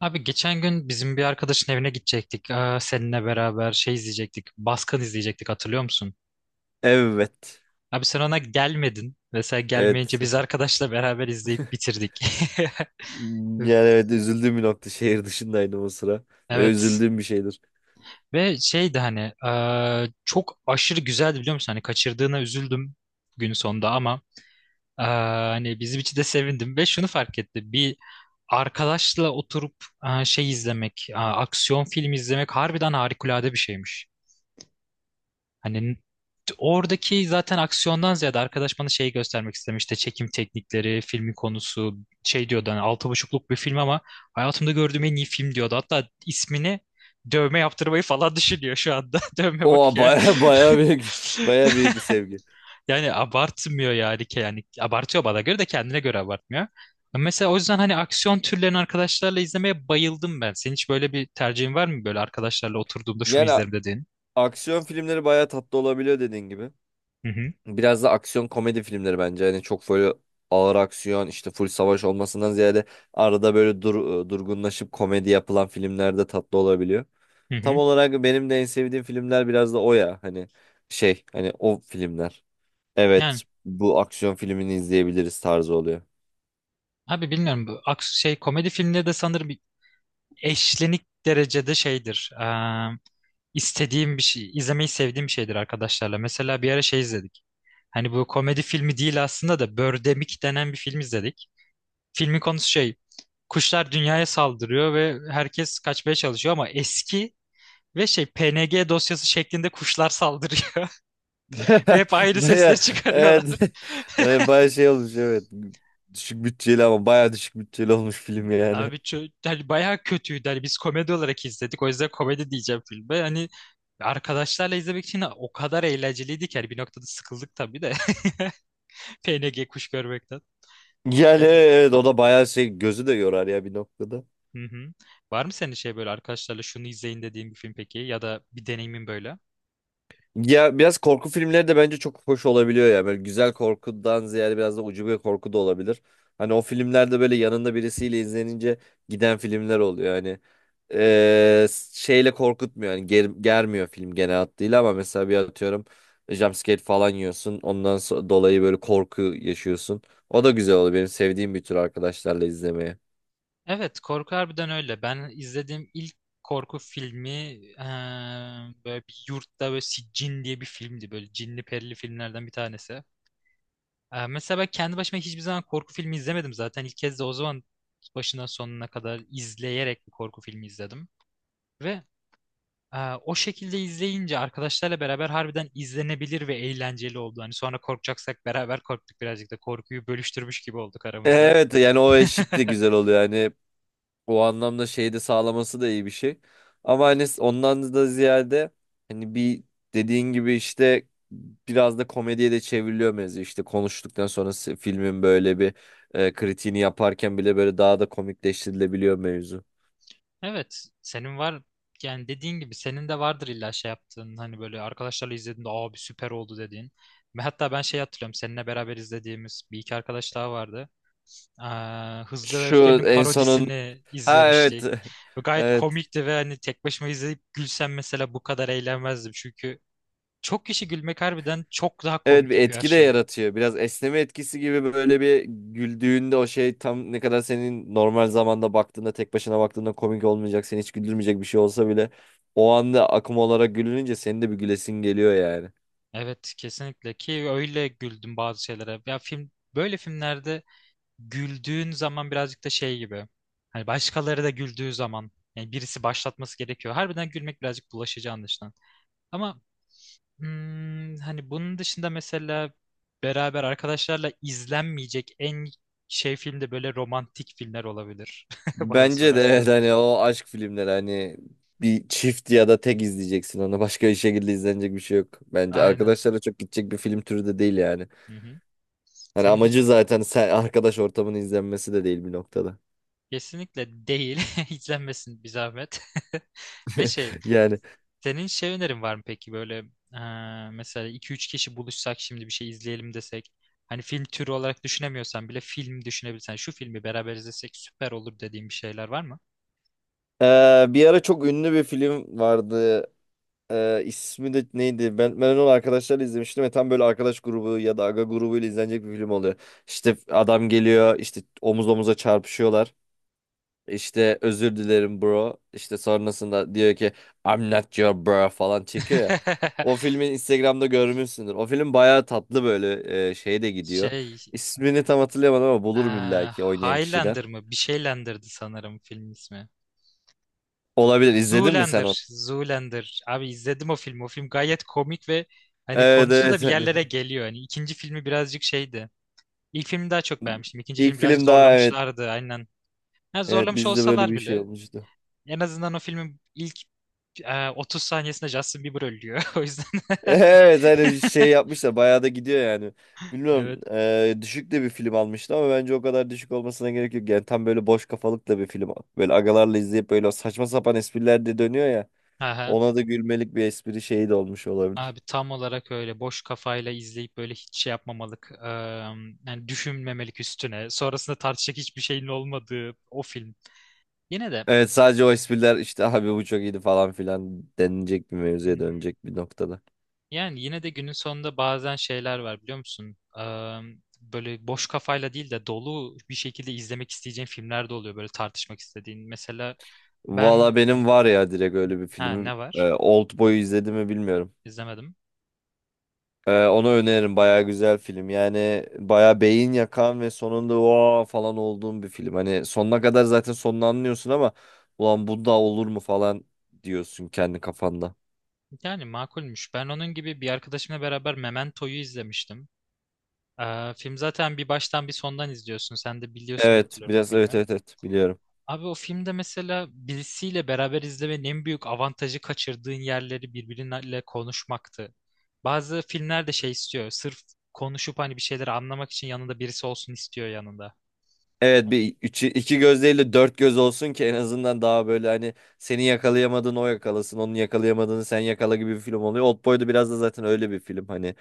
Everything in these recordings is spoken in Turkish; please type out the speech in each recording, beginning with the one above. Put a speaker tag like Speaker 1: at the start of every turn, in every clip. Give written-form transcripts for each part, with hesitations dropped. Speaker 1: Abi geçen gün bizim bir arkadaşın evine gidecektik. Seninle beraber şey izleyecektik. Baskın izleyecektik, hatırlıyor musun?
Speaker 2: Evet.
Speaker 1: Abi sen ona gelmedin. Mesela gelmeyince
Speaker 2: Evet.
Speaker 1: biz arkadaşla beraber izleyip bitirdik.
Speaker 2: Yani evet, üzüldüğüm bir nokta. Şehir dışındaydım o sıra. Ve
Speaker 1: Evet.
Speaker 2: üzüldüğüm bir şeydir.
Speaker 1: Ve şeydi hani çok aşırı güzeldi, biliyor musun? Hani kaçırdığına üzüldüm gün sonunda ama hani bizim için de sevindim. Ve şunu fark etti. Bir arkadaşla oturup şey izlemek, aksiyon filmi izlemek harbiden harikulade bir şeymiş. Hani oradaki zaten aksiyondan ziyade arkadaş bana şeyi göstermek istemişti. Çekim teknikleri, filmin konusu, şey diyordu, hani altı buçukluk bir film ama hayatımda gördüğüm en iyi film diyordu. Hatta ismini dövme yaptırmayı falan düşünüyor şu anda. Dövme
Speaker 2: O
Speaker 1: bakıyor.
Speaker 2: baya büyük baya büyük bir sevgi.
Speaker 1: Yani abartmıyor yani. Yani abartıyor, bana göre. De kendine göre abartmıyor. Mesela o yüzden hani aksiyon türlerini arkadaşlarla izlemeye bayıldım ben. Senin hiç böyle bir tercihin var mı? Böyle arkadaşlarla oturduğumda şunu
Speaker 2: Yani
Speaker 1: izlerim dediğin.
Speaker 2: aksiyon filmleri baya tatlı olabiliyor dediğin gibi.
Speaker 1: Hı hı.
Speaker 2: Biraz da aksiyon komedi filmleri bence. Hani çok böyle ağır aksiyon, işte full savaş olmasından ziyade arada böyle durgunlaşıp komedi yapılan filmler de tatlı olabiliyor.
Speaker 1: Hı
Speaker 2: Tam
Speaker 1: hı.
Speaker 2: olarak benim de en sevdiğim filmler biraz da o ya. Hani şey, hani o filmler.
Speaker 1: Yani.
Speaker 2: Evet, bu aksiyon filmini izleyebiliriz tarzı oluyor.
Speaker 1: Abi bilmiyorum, bu şey komedi filmleri de sanırım eşlenik derecede şeydir. İstediğim bir şey, izlemeyi sevdiğim bir şeydir arkadaşlarla. Mesela bir ara şey izledik. Hani bu komedi filmi değil aslında da Birdemic denen bir film izledik. Filmin konusu şey, kuşlar dünyaya saldırıyor ve herkes kaçmaya çalışıyor ama eski ve şey PNG dosyası şeklinde kuşlar saldırıyor ve hep ayrı sesler
Speaker 2: Baya
Speaker 1: çıkarıyorlar.
Speaker 2: evet, baya şey olmuş evet. Düşük bütçeli, ama baya düşük bütçeli olmuş film yani.
Speaker 1: Abi hani bayağı kötüydü. Hani biz komedi olarak izledik. O yüzden komedi diyeceğim filme. Hani arkadaşlarla izlemek için o kadar eğlenceliydi ki. Hani bir noktada sıkıldık tabii de. PNG kuş görmekten.
Speaker 2: Yani
Speaker 1: Yani,
Speaker 2: evet, o da baya şey, gözü de yorar ya bir noktada.
Speaker 1: hı hı. Var mı senin şey, böyle arkadaşlarla şunu izleyin dediğin bir film peki? Ya da bir deneyimin böyle?
Speaker 2: Ya biraz korku filmleri de bence çok hoş olabiliyor ya. Böyle güzel korkudan ziyade biraz da ucube korku da olabilir. Hani o filmlerde böyle yanında birisiyle izlenince giden filmler oluyor. Hani eee, şeyle korkutmuyor. Hani germiyor film genel hattıyla, ama mesela bir atıyorum, jumpscare falan yiyorsun. Dolayı böyle korku yaşıyorsun. O da güzel oluyor. Benim sevdiğim bir tür arkadaşlarla izlemeye.
Speaker 1: Evet, korku harbiden öyle. Ben izlediğim ilk korku filmi böyle bir yurtta böyle Cin diye bir filmdi. Böyle cinli perili filmlerden bir tanesi. Mesela ben kendi başıma hiçbir zaman korku filmi izlemedim zaten. İlk kez de o zaman başından sonuna kadar izleyerek bir korku filmi izledim. Ve o şekilde izleyince arkadaşlarla beraber harbiden izlenebilir ve eğlenceli oldu. Hani sonra korkacaksak beraber korktuk, birazcık da korkuyu bölüştürmüş gibi olduk aramızda.
Speaker 2: Evet yani o eşlik de güzel oluyor. Yani o anlamda şeyi de sağlaması da iyi bir şey. Ama hani ondan da ziyade, hani bir, dediğin gibi işte biraz da komediye de çevriliyor mevzu. İşte konuştuktan sonra filmin böyle bir, kritiğini yaparken bile böyle daha da komikleştirilebiliyor mevzu.
Speaker 1: Evet, senin var, yani dediğin gibi senin de vardır illa şey yaptığın, hani böyle arkadaşlarla izlediğinde abi süper oldu dediğin. Ve hatta ben şey hatırlıyorum, seninle beraber izlediğimiz bir iki arkadaş daha vardı. Hızlı ve
Speaker 2: Şu
Speaker 1: Öfkeli'nin
Speaker 2: en sonun,
Speaker 1: parodisini
Speaker 2: ha evet.
Speaker 1: izlemiştik. Ve gayet
Speaker 2: Evet.
Speaker 1: komikti ve hani tek başıma izleyip gülsem mesela bu kadar eğlenmezdim. Çünkü çok kişi gülmek harbiden çok daha
Speaker 2: Evet,
Speaker 1: komik
Speaker 2: bir
Speaker 1: yapıyor her
Speaker 2: etki de
Speaker 1: şeyi.
Speaker 2: yaratıyor. Biraz esneme etkisi gibi, böyle bir güldüğünde o şey, tam ne kadar senin normal zamanda baktığında, tek başına baktığında komik olmayacak, seni hiç güldürmeyecek bir şey olsa bile o anda akım olarak gülününce senin de bir gülesin geliyor yani.
Speaker 1: Evet, kesinlikle ki öyle güldüm bazı şeylere. Ya film, böyle filmlerde güldüğün zaman birazcık da şey gibi. Hani başkaları da güldüğü zaman, yani birisi başlatması gerekiyor. Harbiden gülmek birazcık bulaşıcı anlaşılan. Ama hani bunun dışında mesela beraber arkadaşlarla izlenmeyecek en şey filmde böyle romantik filmler olabilir bana
Speaker 2: Bence de evet,
Speaker 1: sorarsan.
Speaker 2: hani o aşk filmleri, hani bir çift ya da tek izleyeceksin onu. Başka bir şekilde izlenecek bir şey yok. Bence
Speaker 1: Aynen.
Speaker 2: arkadaşlarla çok gidecek bir film türü de değil yani.
Speaker 1: Hı hı.
Speaker 2: Hani
Speaker 1: Sen bir de-
Speaker 2: amacı zaten sen arkadaş ortamının izlenmesi de değil bir noktada.
Speaker 1: kesinlikle değil. İzlenmesin bir zahmet. Ve şey,
Speaker 2: Yani
Speaker 1: senin şey önerin var mı peki böyle mesela iki üç kişi buluşsak şimdi bir şey izleyelim desek. Hani film türü olarak düşünemiyorsan bile, film düşünebilirsen şu filmi beraber izlesek süper olur dediğin bir şeyler var mı?
Speaker 2: Bir ara çok ünlü bir film vardı. İsmi de neydi? Ben onu arkadaşlarla izlemiştim ve tam böyle arkadaş grubu ya da aga grubuyla izlenecek bir film oluyor. İşte adam geliyor, işte omuz omuza çarpışıyorlar. İşte özür dilerim bro. İşte sonrasında diyor ki I'm not your bro falan çekiyor ya. O filmi Instagram'da görmüşsündür. O film bayağı tatlı, böyle şeye de gidiyor.
Speaker 1: Şey,
Speaker 2: İsmini tam hatırlayamadım, ama
Speaker 1: Ee,
Speaker 2: bulurum illa ki oynayan kişiden.
Speaker 1: Highlander mı? Bir şeylendirdi sanırım film ismi.
Speaker 2: Olabilir. İzledin mi sen onu?
Speaker 1: Zoolander. Zoolander. Abi izledim o filmi. O film gayet komik ve hani
Speaker 2: Evet
Speaker 1: konusu da
Speaker 2: evet
Speaker 1: bir
Speaker 2: hani.
Speaker 1: yerlere geliyor. Hani ikinci filmi birazcık şeydi. İlk filmi daha çok beğenmiştim. İkinci
Speaker 2: İlk
Speaker 1: film birazcık
Speaker 2: film daha evet.
Speaker 1: zorlamışlardı, aynen. Ha,
Speaker 2: Evet,
Speaker 1: zorlamış
Speaker 2: bizde böyle
Speaker 1: olsalar
Speaker 2: bir şey
Speaker 1: bile
Speaker 2: olmuştu.
Speaker 1: en azından o filmin ilk 30 saniyesinde Justin Bieber ölüyor. O yüzden
Speaker 2: Evet, hani şey yapmışlar, bayağı da gidiyor yani. Bilmiyorum,
Speaker 1: evet.
Speaker 2: düşük de bir film almıştı, ama bence o kadar düşük olmasına gerek yok. Yani tam böyle boş kafalık da bir film. Böyle agalarla izleyip böyle saçma sapan espriler de dönüyor ya.
Speaker 1: Aha.
Speaker 2: Ona da gülmelik bir espri şeyi de olmuş olabilir.
Speaker 1: Abi tam olarak öyle boş kafayla izleyip böyle hiç şey yapmamalık, yani düşünmemelik üstüne. Sonrasında tartışacak hiçbir şeyin olmadığı o film. Yine de.
Speaker 2: Evet, sadece o espriler, işte abi bu çok iyiydi falan filan denilecek bir
Speaker 1: Hı
Speaker 2: mevzuya
Speaker 1: hı.
Speaker 2: dönecek bir noktada.
Speaker 1: Yani yine de günün sonunda bazen şeyler var, biliyor musun? Böyle boş kafayla değil de dolu bir şekilde izlemek isteyeceğin filmler de oluyor, böyle tartışmak istediğin. Mesela ben.
Speaker 2: Valla benim var ya, direkt öyle bir
Speaker 1: Ha, ne
Speaker 2: filmim. E,
Speaker 1: var?
Speaker 2: Oldboy'u izledim mi bilmiyorum.
Speaker 1: İzlemedim.
Speaker 2: Onu öneririm. Baya güzel film. Yani baya beyin yakan ve sonunda o falan olduğum bir film. Hani sonuna kadar zaten sonunu anlıyorsun, ama ulan bu da olur mu falan diyorsun kendi kafanda.
Speaker 1: Yani makulmüş. Ben onun gibi bir arkadaşımla beraber Memento'yu izlemiştim. Film zaten bir baştan bir sondan izliyorsun. Sen de biliyorsun diye
Speaker 2: Evet
Speaker 1: hatırlıyorum o
Speaker 2: biraz, evet
Speaker 1: filmi.
Speaker 2: evet evet biliyorum.
Speaker 1: Abi o filmde mesela birisiyle beraber izlemenin en büyük avantajı kaçırdığın yerleri birbiriyle konuşmaktı. Bazı filmler de şey istiyor. Sırf konuşup hani bir şeyleri anlamak için yanında birisi olsun istiyor yanında.
Speaker 2: Evet bir üçü, iki göz değil de dört göz olsun ki en azından daha böyle, hani seni yakalayamadığını o yakalasın. Onun yakalayamadığını sen yakala gibi bir film oluyor. Oldboy da biraz da zaten öyle bir film. Hani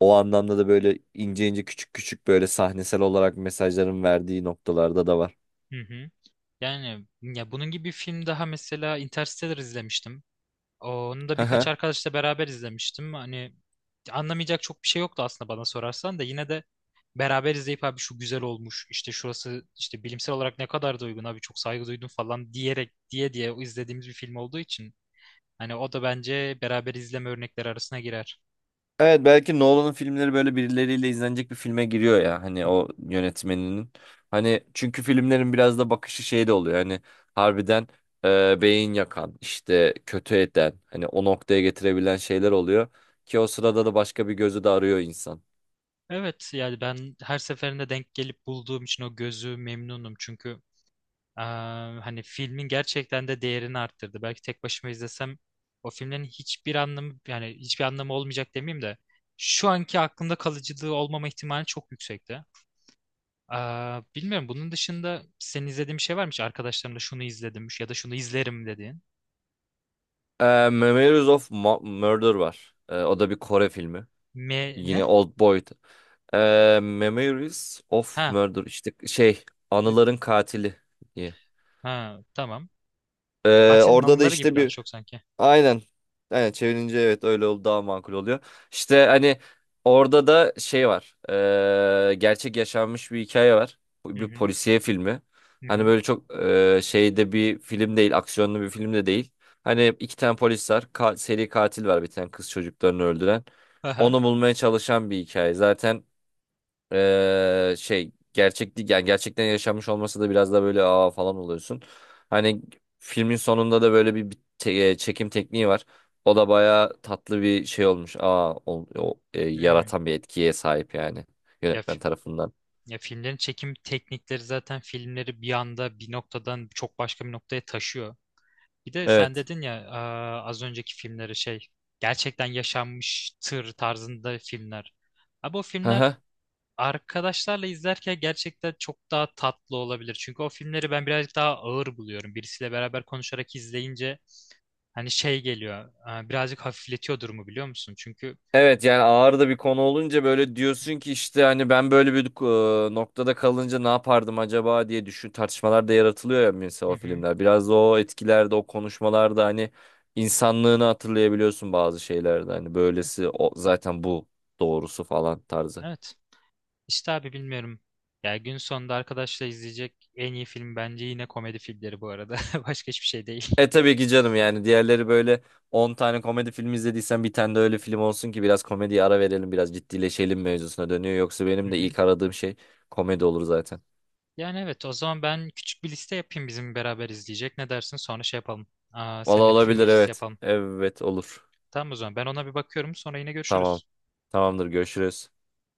Speaker 2: o anlamda da böyle ince ince küçük küçük böyle sahnesel olarak mesajların verdiği noktalarda da var.
Speaker 1: Hı hı. Yani ya, bunun gibi bir film daha mesela, Interstellar izlemiştim. Onu da
Speaker 2: Hı
Speaker 1: birkaç
Speaker 2: hı.
Speaker 1: arkadaşla beraber izlemiştim. Hani anlamayacak çok bir şey yoktu aslında bana sorarsan da, yine de beraber izleyip abi şu güzel olmuş işte şurası işte bilimsel olarak ne kadar da uygun abi çok saygı duydum falan diyerek diye diye izlediğimiz bir film olduğu için hani o da bence beraber izleme örnekleri arasına girer.
Speaker 2: Evet, belki Nolan'ın filmleri böyle birileriyle izlenecek bir filme giriyor ya, hani o yönetmeninin. Hani çünkü filmlerin biraz da bakışı şey de oluyor, hani harbiden beyin yakan, işte kötü eden, hani o noktaya getirebilen şeyler oluyor. Ki o sırada da başka bir gözü de arıyor insan.
Speaker 1: Evet, yani ben her seferinde denk gelip bulduğum için o gözü memnunum çünkü Eee, hani filmin gerçekten de değerini arttırdı. Belki tek başıma izlesem o filmlerin hiçbir anlamı, yani hiçbir anlamı olmayacak demeyeyim de şu anki aklımda kalıcılığı olmama ihtimali çok yüksekti. Bilmiyorum, bunun dışında senin izlediğin bir şey var mı hiç? Arkadaşlarımla şunu izledim ya da şunu izlerim dediğin.
Speaker 2: E, Memories of Murder var. E, o da bir Kore filmi.
Speaker 1: Me ne?
Speaker 2: Yine Old Boy'du. E, Memories of
Speaker 1: Ha.
Speaker 2: Murder, işte şey, anıların katili diye.
Speaker 1: Ha, tamam.
Speaker 2: E,
Speaker 1: Katilin
Speaker 2: orada da
Speaker 1: anıları gibi
Speaker 2: işte
Speaker 1: daha
Speaker 2: bir.
Speaker 1: çok sanki.
Speaker 2: Aynen. Aynen, çevirince evet öyle oldu, daha makul oluyor. İşte hani orada da şey var. Gerçek yaşanmış bir hikaye var.
Speaker 1: Hı
Speaker 2: Bu bir
Speaker 1: hı.
Speaker 2: polisiye filmi.
Speaker 1: Hı
Speaker 2: Hani
Speaker 1: hı.
Speaker 2: böyle çok şeyde bir film değil, aksiyonlu bir film de değil. Hani iki tane polis var, seri katil var bir tane, kız çocuklarını öldüren.
Speaker 1: Aha.
Speaker 2: Onu bulmaya çalışan bir hikaye. Zaten şey gerçek değil yani, gerçekten yaşanmış olması da biraz da böyle aa falan oluyorsun. Hani filmin sonunda da böyle bir çekim tekniği var. O da bayağı tatlı bir şey olmuş. Aa
Speaker 1: Hmm.
Speaker 2: yaratan bir etkiye sahip yani
Speaker 1: Ya
Speaker 2: yönetmen tarafından.
Speaker 1: Ya filmlerin çekim teknikleri zaten filmleri bir anda bir noktadan çok başka bir noktaya taşıyor. Bir de sen
Speaker 2: Evet.
Speaker 1: dedin ya, az önceki filmleri şey, gerçekten yaşanmış tır tarzında filmler. Abi o filmler arkadaşlarla izlerken gerçekten çok daha tatlı olabilir. Çünkü o filmleri ben birazcık daha ağır buluyorum. Birisiyle beraber konuşarak izleyince hani şey geliyor. Birazcık hafifletiyor durumu, biliyor musun? Çünkü
Speaker 2: Evet yani, ağır da bir konu olunca böyle
Speaker 1: hı hı.
Speaker 2: diyorsun ki, işte hani ben böyle bir, noktada kalınca ne yapardım acaba diye düşün, tartışmalar da yaratılıyor ya mesela
Speaker 1: Hı
Speaker 2: o
Speaker 1: hı.
Speaker 2: filmler. Biraz da o etkilerde, o konuşmalarda hani insanlığını hatırlayabiliyorsun bazı şeylerde, hani böylesi o, zaten bu doğrusu falan tarzı.
Speaker 1: Evet. İşte abi bilmiyorum. Ya gün sonunda arkadaşla izleyecek en iyi film bence yine komedi filmleri bu arada. Başka hiçbir şey değil.
Speaker 2: E tabii ki canım, yani diğerleri böyle, 10 tane komedi film izlediysen bir tane de öyle film olsun ki biraz komediye ara verelim, biraz ciddileşelim mevzusuna dönüyor. Yoksa
Speaker 1: Hı
Speaker 2: benim de
Speaker 1: hı.
Speaker 2: ilk aradığım şey komedi olur zaten.
Speaker 1: Yani evet, o zaman ben küçük bir liste yapayım bizim beraber izleyecek. Ne dersin? Sonra şey yapalım. Aa,
Speaker 2: Valla
Speaker 1: seninle bir film
Speaker 2: olabilir,
Speaker 1: gecesi
Speaker 2: evet.
Speaker 1: yapalım.
Speaker 2: Evet olur.
Speaker 1: Tamam, o zaman ben ona bir bakıyorum, sonra yine
Speaker 2: Tamam.
Speaker 1: görüşürüz.
Speaker 2: Tamamdır, görüşürüz.